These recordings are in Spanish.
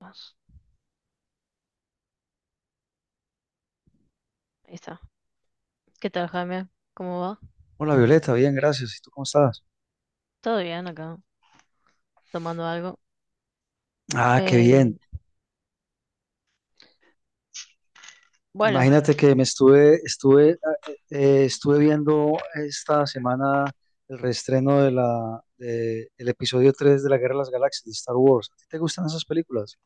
Vamos, ahí está. ¿Qué tal, Jaime? ¿Cómo va? Hola Violeta, bien, gracias. ¿Y tú cómo estás? Todo bien acá, tomando algo. Ah, qué bien. Eh, bueno, Imagínate que me estuve viendo esta semana el reestreno el episodio 3 de la Guerra de las Galaxias de Star Wars. ¿A ti te gustan esas películas?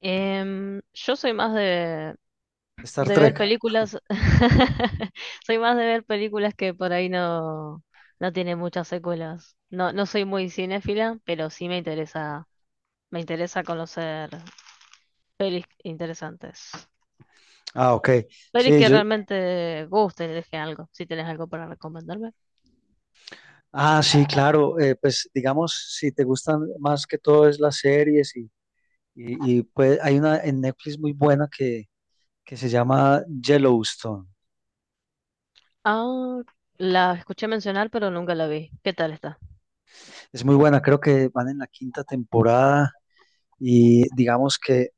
yo soy más Star de ver Trek. películas. Soy más de ver películas que por ahí no tiene muchas secuelas. No soy muy cinéfila, pero sí me me interesa conocer pelis interesantes. Ah, ok. Pelis Sí, que yo, realmente gusten, deje algo, si tenés algo para recomendarme. ah, sí, claro. Pues digamos, si te gustan más que todo es las series y pues hay una en Netflix muy buena que se llama Yellowstone. Ah, la escuché mencionar, pero nunca la vi. ¿Qué tal está? Es muy buena, creo que van en la quinta temporada y digamos que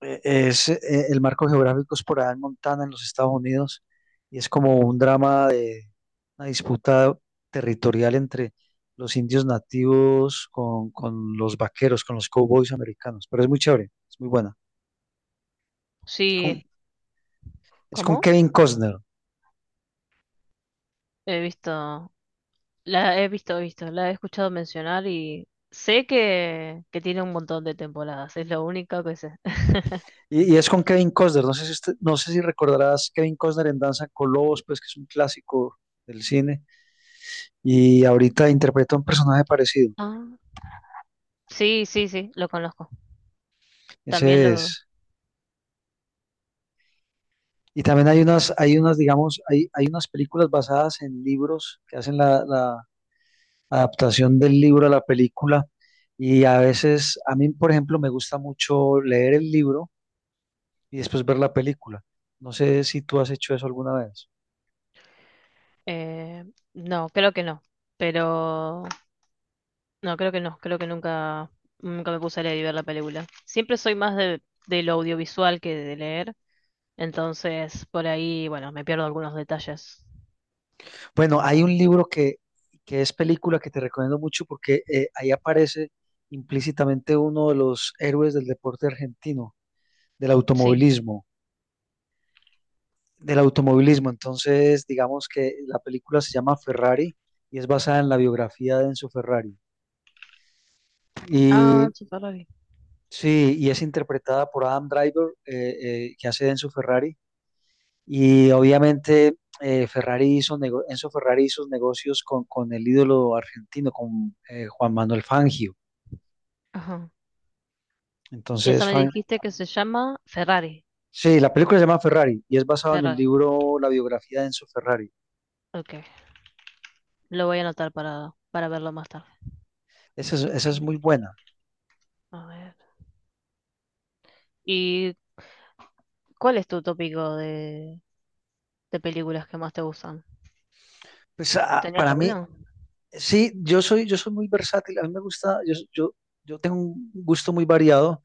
el marco geográfico es por allá en Montana, en los Estados Unidos, y es como un drama de una disputa territorial entre los indios nativos con los vaqueros, con los cowboys americanos, pero es muy chévere, es muy buena. Es Sí, con, es con ¿cómo? Kevin Costner. He la he visto, la he escuchado mencionar y sé que tiene un montón de temporadas, es lo único que sé. Y es con Kevin Costner, no sé si no sé si recordarás Kevin Costner en Danza con Lobos, pues que es un clásico del cine, y ahorita interpreta un personaje parecido. Ah, sí, sí, sí, lo conozco. Ese También lo... es. Y también digamos, hay unas películas basadas en libros que hacen la adaptación del libro a la película. Y a veces, a mí, por ejemplo, me gusta mucho leer el libro y después ver la película. No sé si tú has hecho eso alguna vez. eh, no, creo que no, pero... No, creo que no, creo que nunca me puse a leer y ver la película. Siempre soy más de lo audiovisual que de leer, entonces por ahí, bueno, me pierdo algunos detalles. Bueno, hay un libro que es película que te recomiendo mucho porque ahí aparece implícitamente uno de los héroes del deporte argentino, del Sí. automovilismo. Del automovilismo. Entonces, digamos que la película se llama Ferrari y es basada en la biografía de Enzo Ferrari. Ah, Y Chiparrori. sí, y es interpretada por Adam Driver, que hace de Enzo Ferrari. Y obviamente Enzo Ferrari hizo negocios con el ídolo argentino, con Juan Manuel Fangio. Y esa Entonces, me dijiste que se llama Ferrari. sí, la película se llama Ferrari y es basada en el Ferrari. libro La biografía de Enzo Ferrari. Ok. Lo voy a anotar para verlo más tarde. Esa es muy buena. A ver. ¿Y cuál es tu tópico de películas que más te gustan? Pues ah, ¿Tenías para mí, alguna? sí, yo soy muy versátil. A mí me gusta, yo tengo un gusto muy variado.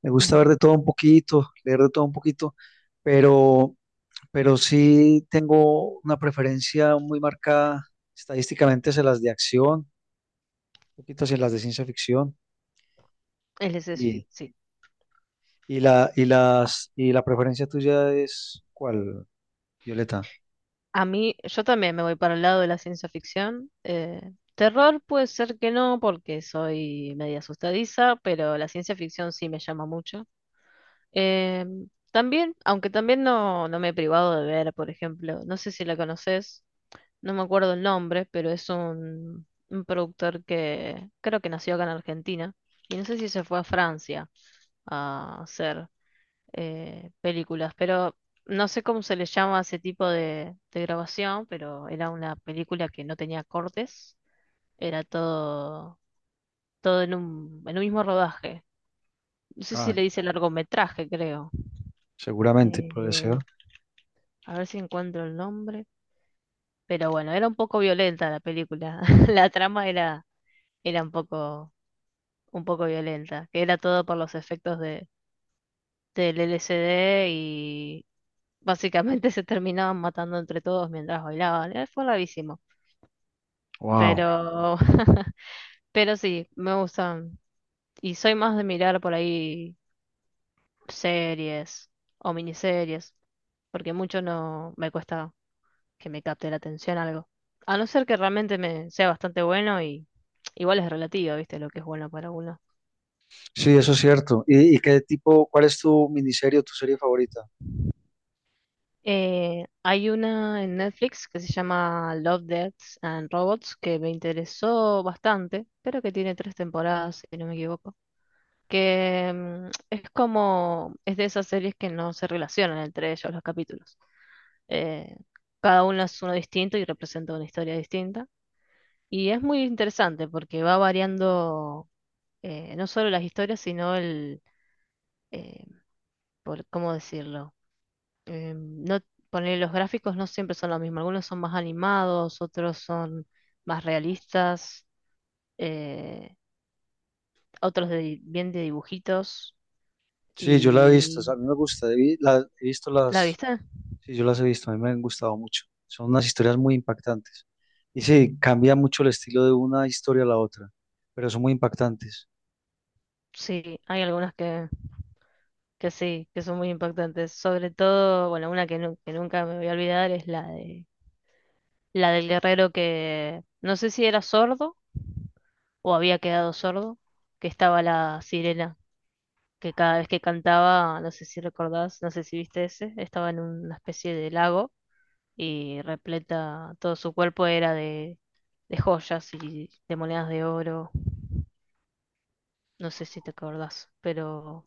Me gusta ver Ujú. de todo un poquito, leer de todo un poquito, pero, pero sí tengo una preferencia muy marcada estadísticamente hacia las de acción, un poquito hacia las de ciencia ficción. El Y, SF, sí. y la preferencia tuya es ¿cuál, Violeta? A mí, yo también me voy para el lado de la ciencia ficción. Terror puede ser que no, porque soy media asustadiza, pero la ciencia ficción sí me llama mucho. Eh, También, aunque también no me he privado de ver, por ejemplo, no sé si la conoces, no me acuerdo el nombre, pero es un productor que creo que nació acá en Argentina y no sé si se fue a Francia a hacer películas, pero no sé cómo se le llama a ese tipo de grabación, pero era una película que no tenía cortes, era todo en en un mismo rodaje. No sé si Ah, le dice largometraje, creo. seguramente, puede Eh, ser. a ver si encuentro el nombre. Pero bueno, era un poco violenta la película. La trama era un poco violenta, que era todo por los efectos del LSD y básicamente se terminaban matando entre todos mientras bailaban. Fue bravísimo. Wow. Pero, pero sí, me gustan. Y soy más de mirar por ahí series o miniseries, porque mucho no me cuesta que me capte la atención algo. A no ser que realmente me sea bastante bueno y igual es relativo, ¿viste? Lo que es bueno para uno. Sí, eso es cierto. ¿Y cuál es tu miniserie o tu serie favorita? Hay una en Netflix que se llama Love, Death and Robots que me interesó bastante, pero que tiene tres temporadas, si no me equivoco. Que es como, es de esas series que no se relacionan entre ellos los capítulos. Eh, Cada uno es uno distinto y representa una historia distinta. Y es muy interesante porque va variando no solo las historias, sino eh, ¿cómo decirlo? eh, no, ponele, los gráficos no siempre son lo mismo. Algunos son más animados, otros son más realistas, eh, otros de bien de dibujitos. Sí, yo la he visto, o sea, a ¿Y mí me gusta, he visto la las, vista? sí, yo las he visto, a mí me han gustado mucho. Son unas historias muy impactantes. Y sí, cambia mucho el estilo de una historia a la otra, pero son muy impactantes. Sí, hay algunas que sí, que son muy impactantes. Sobre todo, bueno, una que nunca me voy a olvidar es la de la del guerrero que no sé si era sordo o había quedado sordo, que estaba la sirena que cada vez que cantaba, no sé si recordás, no sé si viste ese, estaba en una especie de lago y repleta, todo su cuerpo era de joyas y de monedas de oro, no sé si te acordás, pero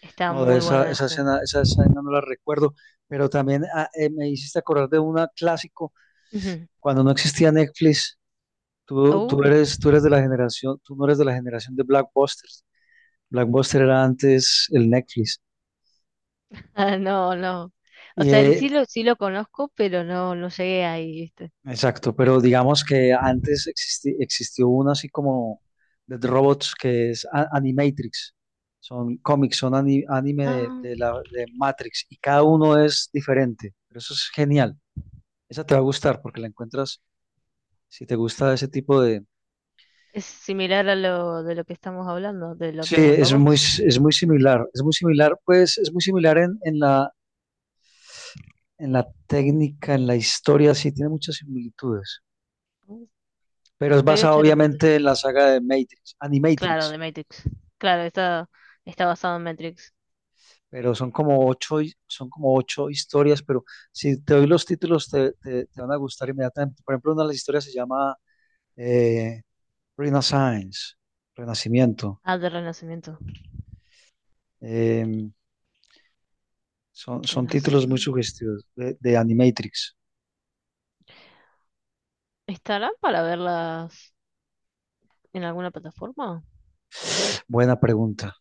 está No, de muy bueno ese. Esa escena no la recuerdo, pero también me hiciste acordar de una clásico, Ujú. cuando no existía Netflix, Uh, tú eres de la generación, tú no eres de la generación de Blackbuster. Blackbuster era antes el Netflix. ah, no, no. O Y sea, el sí eh, sí lo conozco, pero no, no llegué ahí, ¿viste? Exacto, pero digamos que antes existió una así como de robots que es Animatrix. Son cómics, son anime Ah, de Matrix y cada uno es diferente. Pero eso es genial. Esa te va a gustar porque la encuentras si te gusta ese tipo de... es similar a lo de lo que estamos hablando, de los Sí, de Robots. Es muy similar. Es muy similar, pues es muy similar en la técnica, en la historia, sí, tiene muchas similitudes. Uh, Pero es Lo voy a basado echar un vistazo. obviamente en la saga de Matrix, Claro, Animatrix. de Matrix. Claro, está basado en Matrix. Pero son como ocho historias, pero si te doy los títulos te van a gustar inmediatamente. Por ejemplo, una de las historias se llama eh, Renaissance, Renacimiento. Ah, de Renacimiento. Em, son títulos muy Renacimiento. sugestivos de Animatrix. ¿Estarán para verlas en alguna plataforma? Buena pregunta,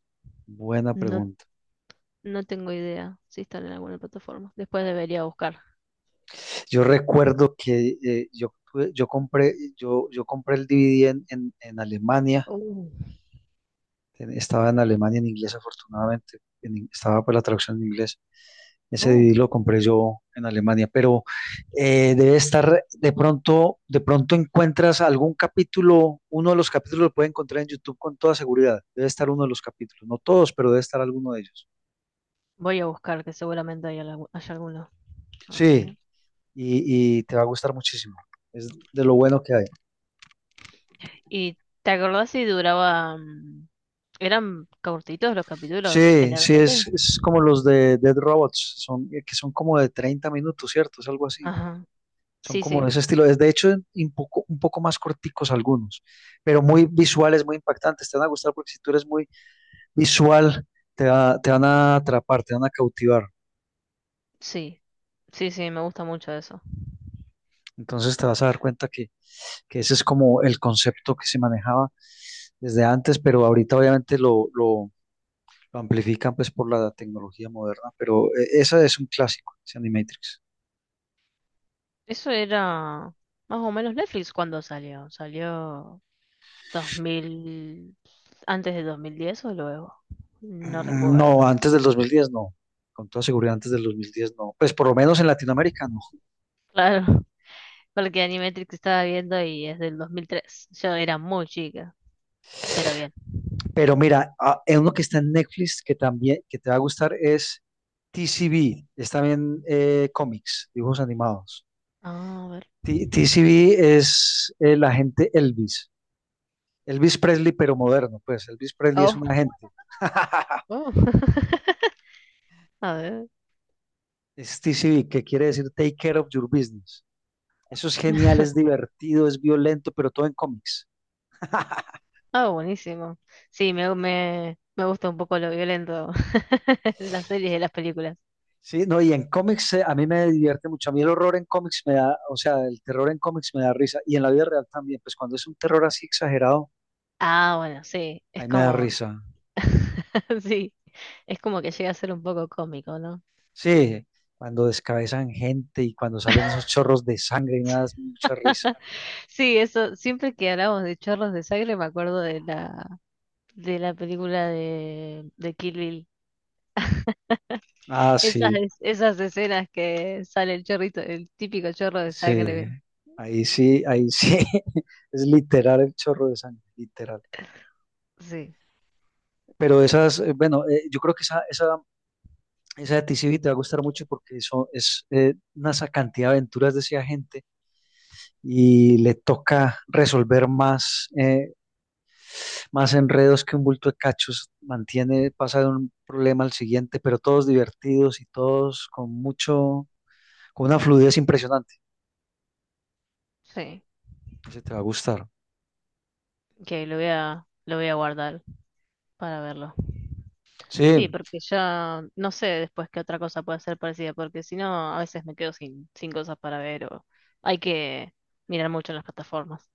buena No, pregunta. no tengo idea si están en alguna plataforma. Después debería buscar. Yo recuerdo que yo, tuve- yo compré, yo compré el DVD en, en Alemania. Oh. Estaba en Alemania en inglés, afortunadamente. Estaba por la traducción en inglés. Ese Oh. DVD lo compré yo en Alemania, pero debe estar, de pronto encuentras algún capítulo, uno de los capítulos lo puede encontrar en YouTube con toda seguridad. Debe estar uno de los capítulos, no todos, pero debe estar alguno de ellos. Voy a buscar, que seguramente hay, haya alguno. A Sí, ver. y te va a gustar muchísimo. Es de lo bueno que hay. ¿Y te acordás si duraba... ¿Eran cortitos los capítulos Sí, sí, es, generalmente? es como los de Dead Robots, son, que son como de 30 minutos, ¿cierto? Es algo así. Ajá. Son Sí, como de sí, ese estilo. Es de hecho un poco más corticos algunos, pero muy visuales, muy impactantes. Te van a gustar porque si tú eres muy visual, te van a atrapar, te van a cautivar. sí. Sí, sí, me gusta mucho eso. Entonces te vas a dar cuenta que ese es como el concepto que se manejaba desde antes, pero ahorita obviamente lo amplifican pues por la tecnología moderna. Pero esa es un clásico, ese Animatrix. Eso era más o menos Netflix cuando salió. Salió 2000, antes de 2010 o luego. No recuerdo. No, antes del 2010 no. Con toda seguridad antes del 2010 no. Pues por lo menos en Latinoamérica no. Claro, porque Animatrix estaba viendo y es del 2003. Yo era muy chica, pero bien. Pero mira, ah, hay uno que está en Netflix que también que te va a gustar es TCB, es también cómics, dibujos animados. Ah, a ver. TCB es el agente Elvis, Elvis Presley pero moderno, pues Elvis Presley es Oh, un agente. oh. A ver. Es TCB, que quiere decir Take Care of Your Business. Eso es genial, es divertido, es violento, pero todo en cómics. Ah, buenísimo. Sí, me gusta un poco lo violento en las series y las películas. Sí, no, y en cómics a mí me divierte mucho. A mí el horror en cómics me da, o sea, el terror en cómics me da risa. Y en la vida real también, pues cuando es un terror así exagerado, Ah, bueno, sí. Es ahí me da como risa. sí, es como que llega a ser un poco cómico, ¿no? Sí, cuando descabezan gente y cuando salen esos chorros de sangre y me da mucha risa. Sí, eso, siempre que hablamos de chorros de sangre me acuerdo de de la película de Kill Bill. Ah, sí, Esas escenas que sale el chorrito, el típico chorro de sí. sangre. Ahí sí, ahí sí. Es literal el chorro de sangre, literal. Sí, Pero esas, bueno, yo creo que esa de T C TCB te va a gustar mucho porque eso es una cantidad de aventuras de ese agente y le toca resolver más, más enredos que un bulto de cachos. Mantiene, pasa de un problema al siguiente, pero todos divertidos y todos con mucho, con una fluidez impresionante. sí, Ese te va a gustar. que lo voy a guardar para verlo. Sí, Sí, porque ya no sé después qué otra cosa puede ser parecida, porque si no, a veces me quedo sin cosas para ver o hay que mirar mucho en las plataformas.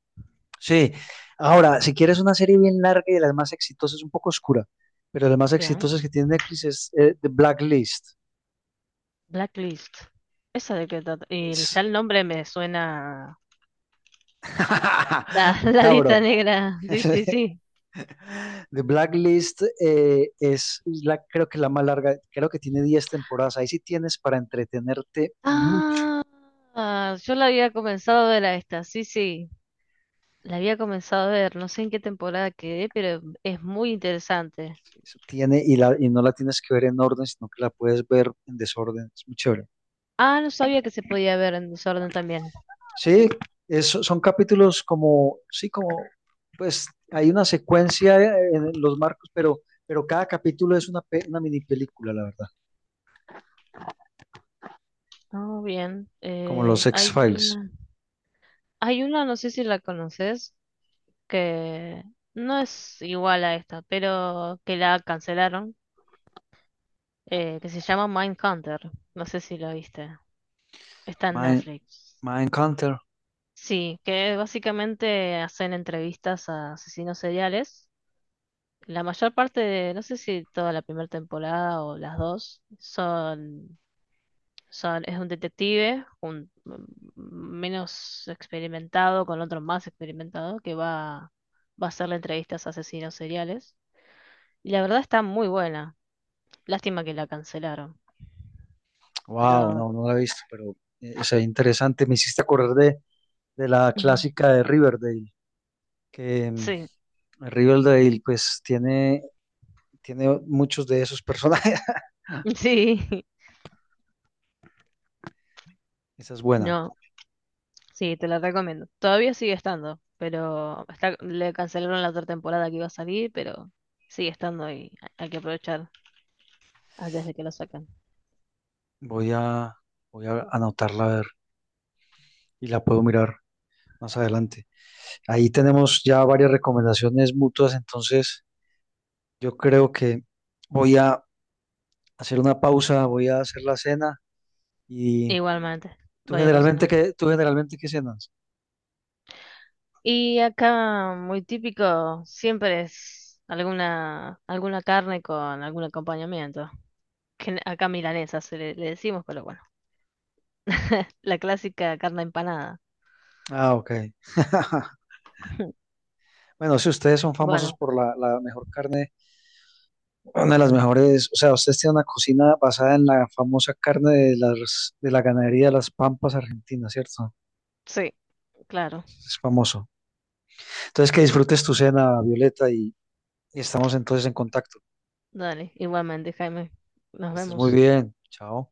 sí. Ahora, si quieres una serie bien larga y de las más exitosas, un poco oscura, pero de las más Bien. exitosas que tiene Netflix es The Blacklist. Blacklist. ¿Esa de qué trata? Y Es ya el nombre me suena. La, la macabro. lista negra. Sí, sí, sí. The Blacklist es la, creo que la más larga, creo que tiene 10 temporadas. Ahí sí tienes para entretenerte mucho. Ah, ah, yo la había comenzado a ver a esta. Sí, sí. La había comenzado a ver. No sé en qué temporada quedé, pero es muy interesante. Eso tiene, y, la, y no la tienes que ver en orden, sino que la puedes ver en desorden. Es muy chévere. Ah, no sabía que se podía ver en desorden también. Sí, son capítulos como, sí, como, pues hay una secuencia en los marcos, pero cada capítulo es una mini película, la verdad. Oh, bien. Como los X-Files. Hay una, no sé si la conoces, que no es igual a esta, pero que la cancelaron. Que se llama Mindhunter. No sé si lo viste. Está en Mind, Netflix. Mindhunter. Sí, que básicamente hacen entrevistas a asesinos seriales. La mayor parte de, no sé si toda la primera temporada o las dos, es un detective, un menos experimentado con otro más experimentado que va a hacerle entrevistas a asesinos seriales. Y la verdad está muy buena. Lástima que la cancelaron, Wow, pero no, no la he visto, pero es interesante. Me hiciste acordar de la ujú. clásica de Riverdale, que Sí, Riverdale pues tiene muchos de esos personajes. sí. Esa es buena. No, sí, te la recomiendo. Todavía sigue estando, pero está, le cancelaron la otra temporada que iba a salir, pero sigue estando y hay que aprovechar antes de que lo saquen. Voy a, voy a anotarla a ver y la puedo mirar más adelante. Ahí tenemos ya varias recomendaciones mutuas, entonces yo creo que voy a hacer una pausa, voy a hacer la cena y Igualmente, voy a cocinar. Tú generalmente qué cenas? Y acá, muy típico, siempre es alguna carne con algún acompañamiento. Que acá milanesa se le decimos, pero bueno. La clásica carne empanada. Ah, ok. Bueno, si ustedes son famosos Bueno, por la mejor carne. Una de las mejores, o sea, ustedes tienen una cocina basada en la famosa carne de de la ganadería de las Pampas Argentinas, ¿cierto? sí, claro. Es famoso. Entonces, que disfrutes tu cena, Violeta, y estamos entonces en contacto. Dale, igualmente, Jaime. Nos Que estés muy vemos. bien. Chao.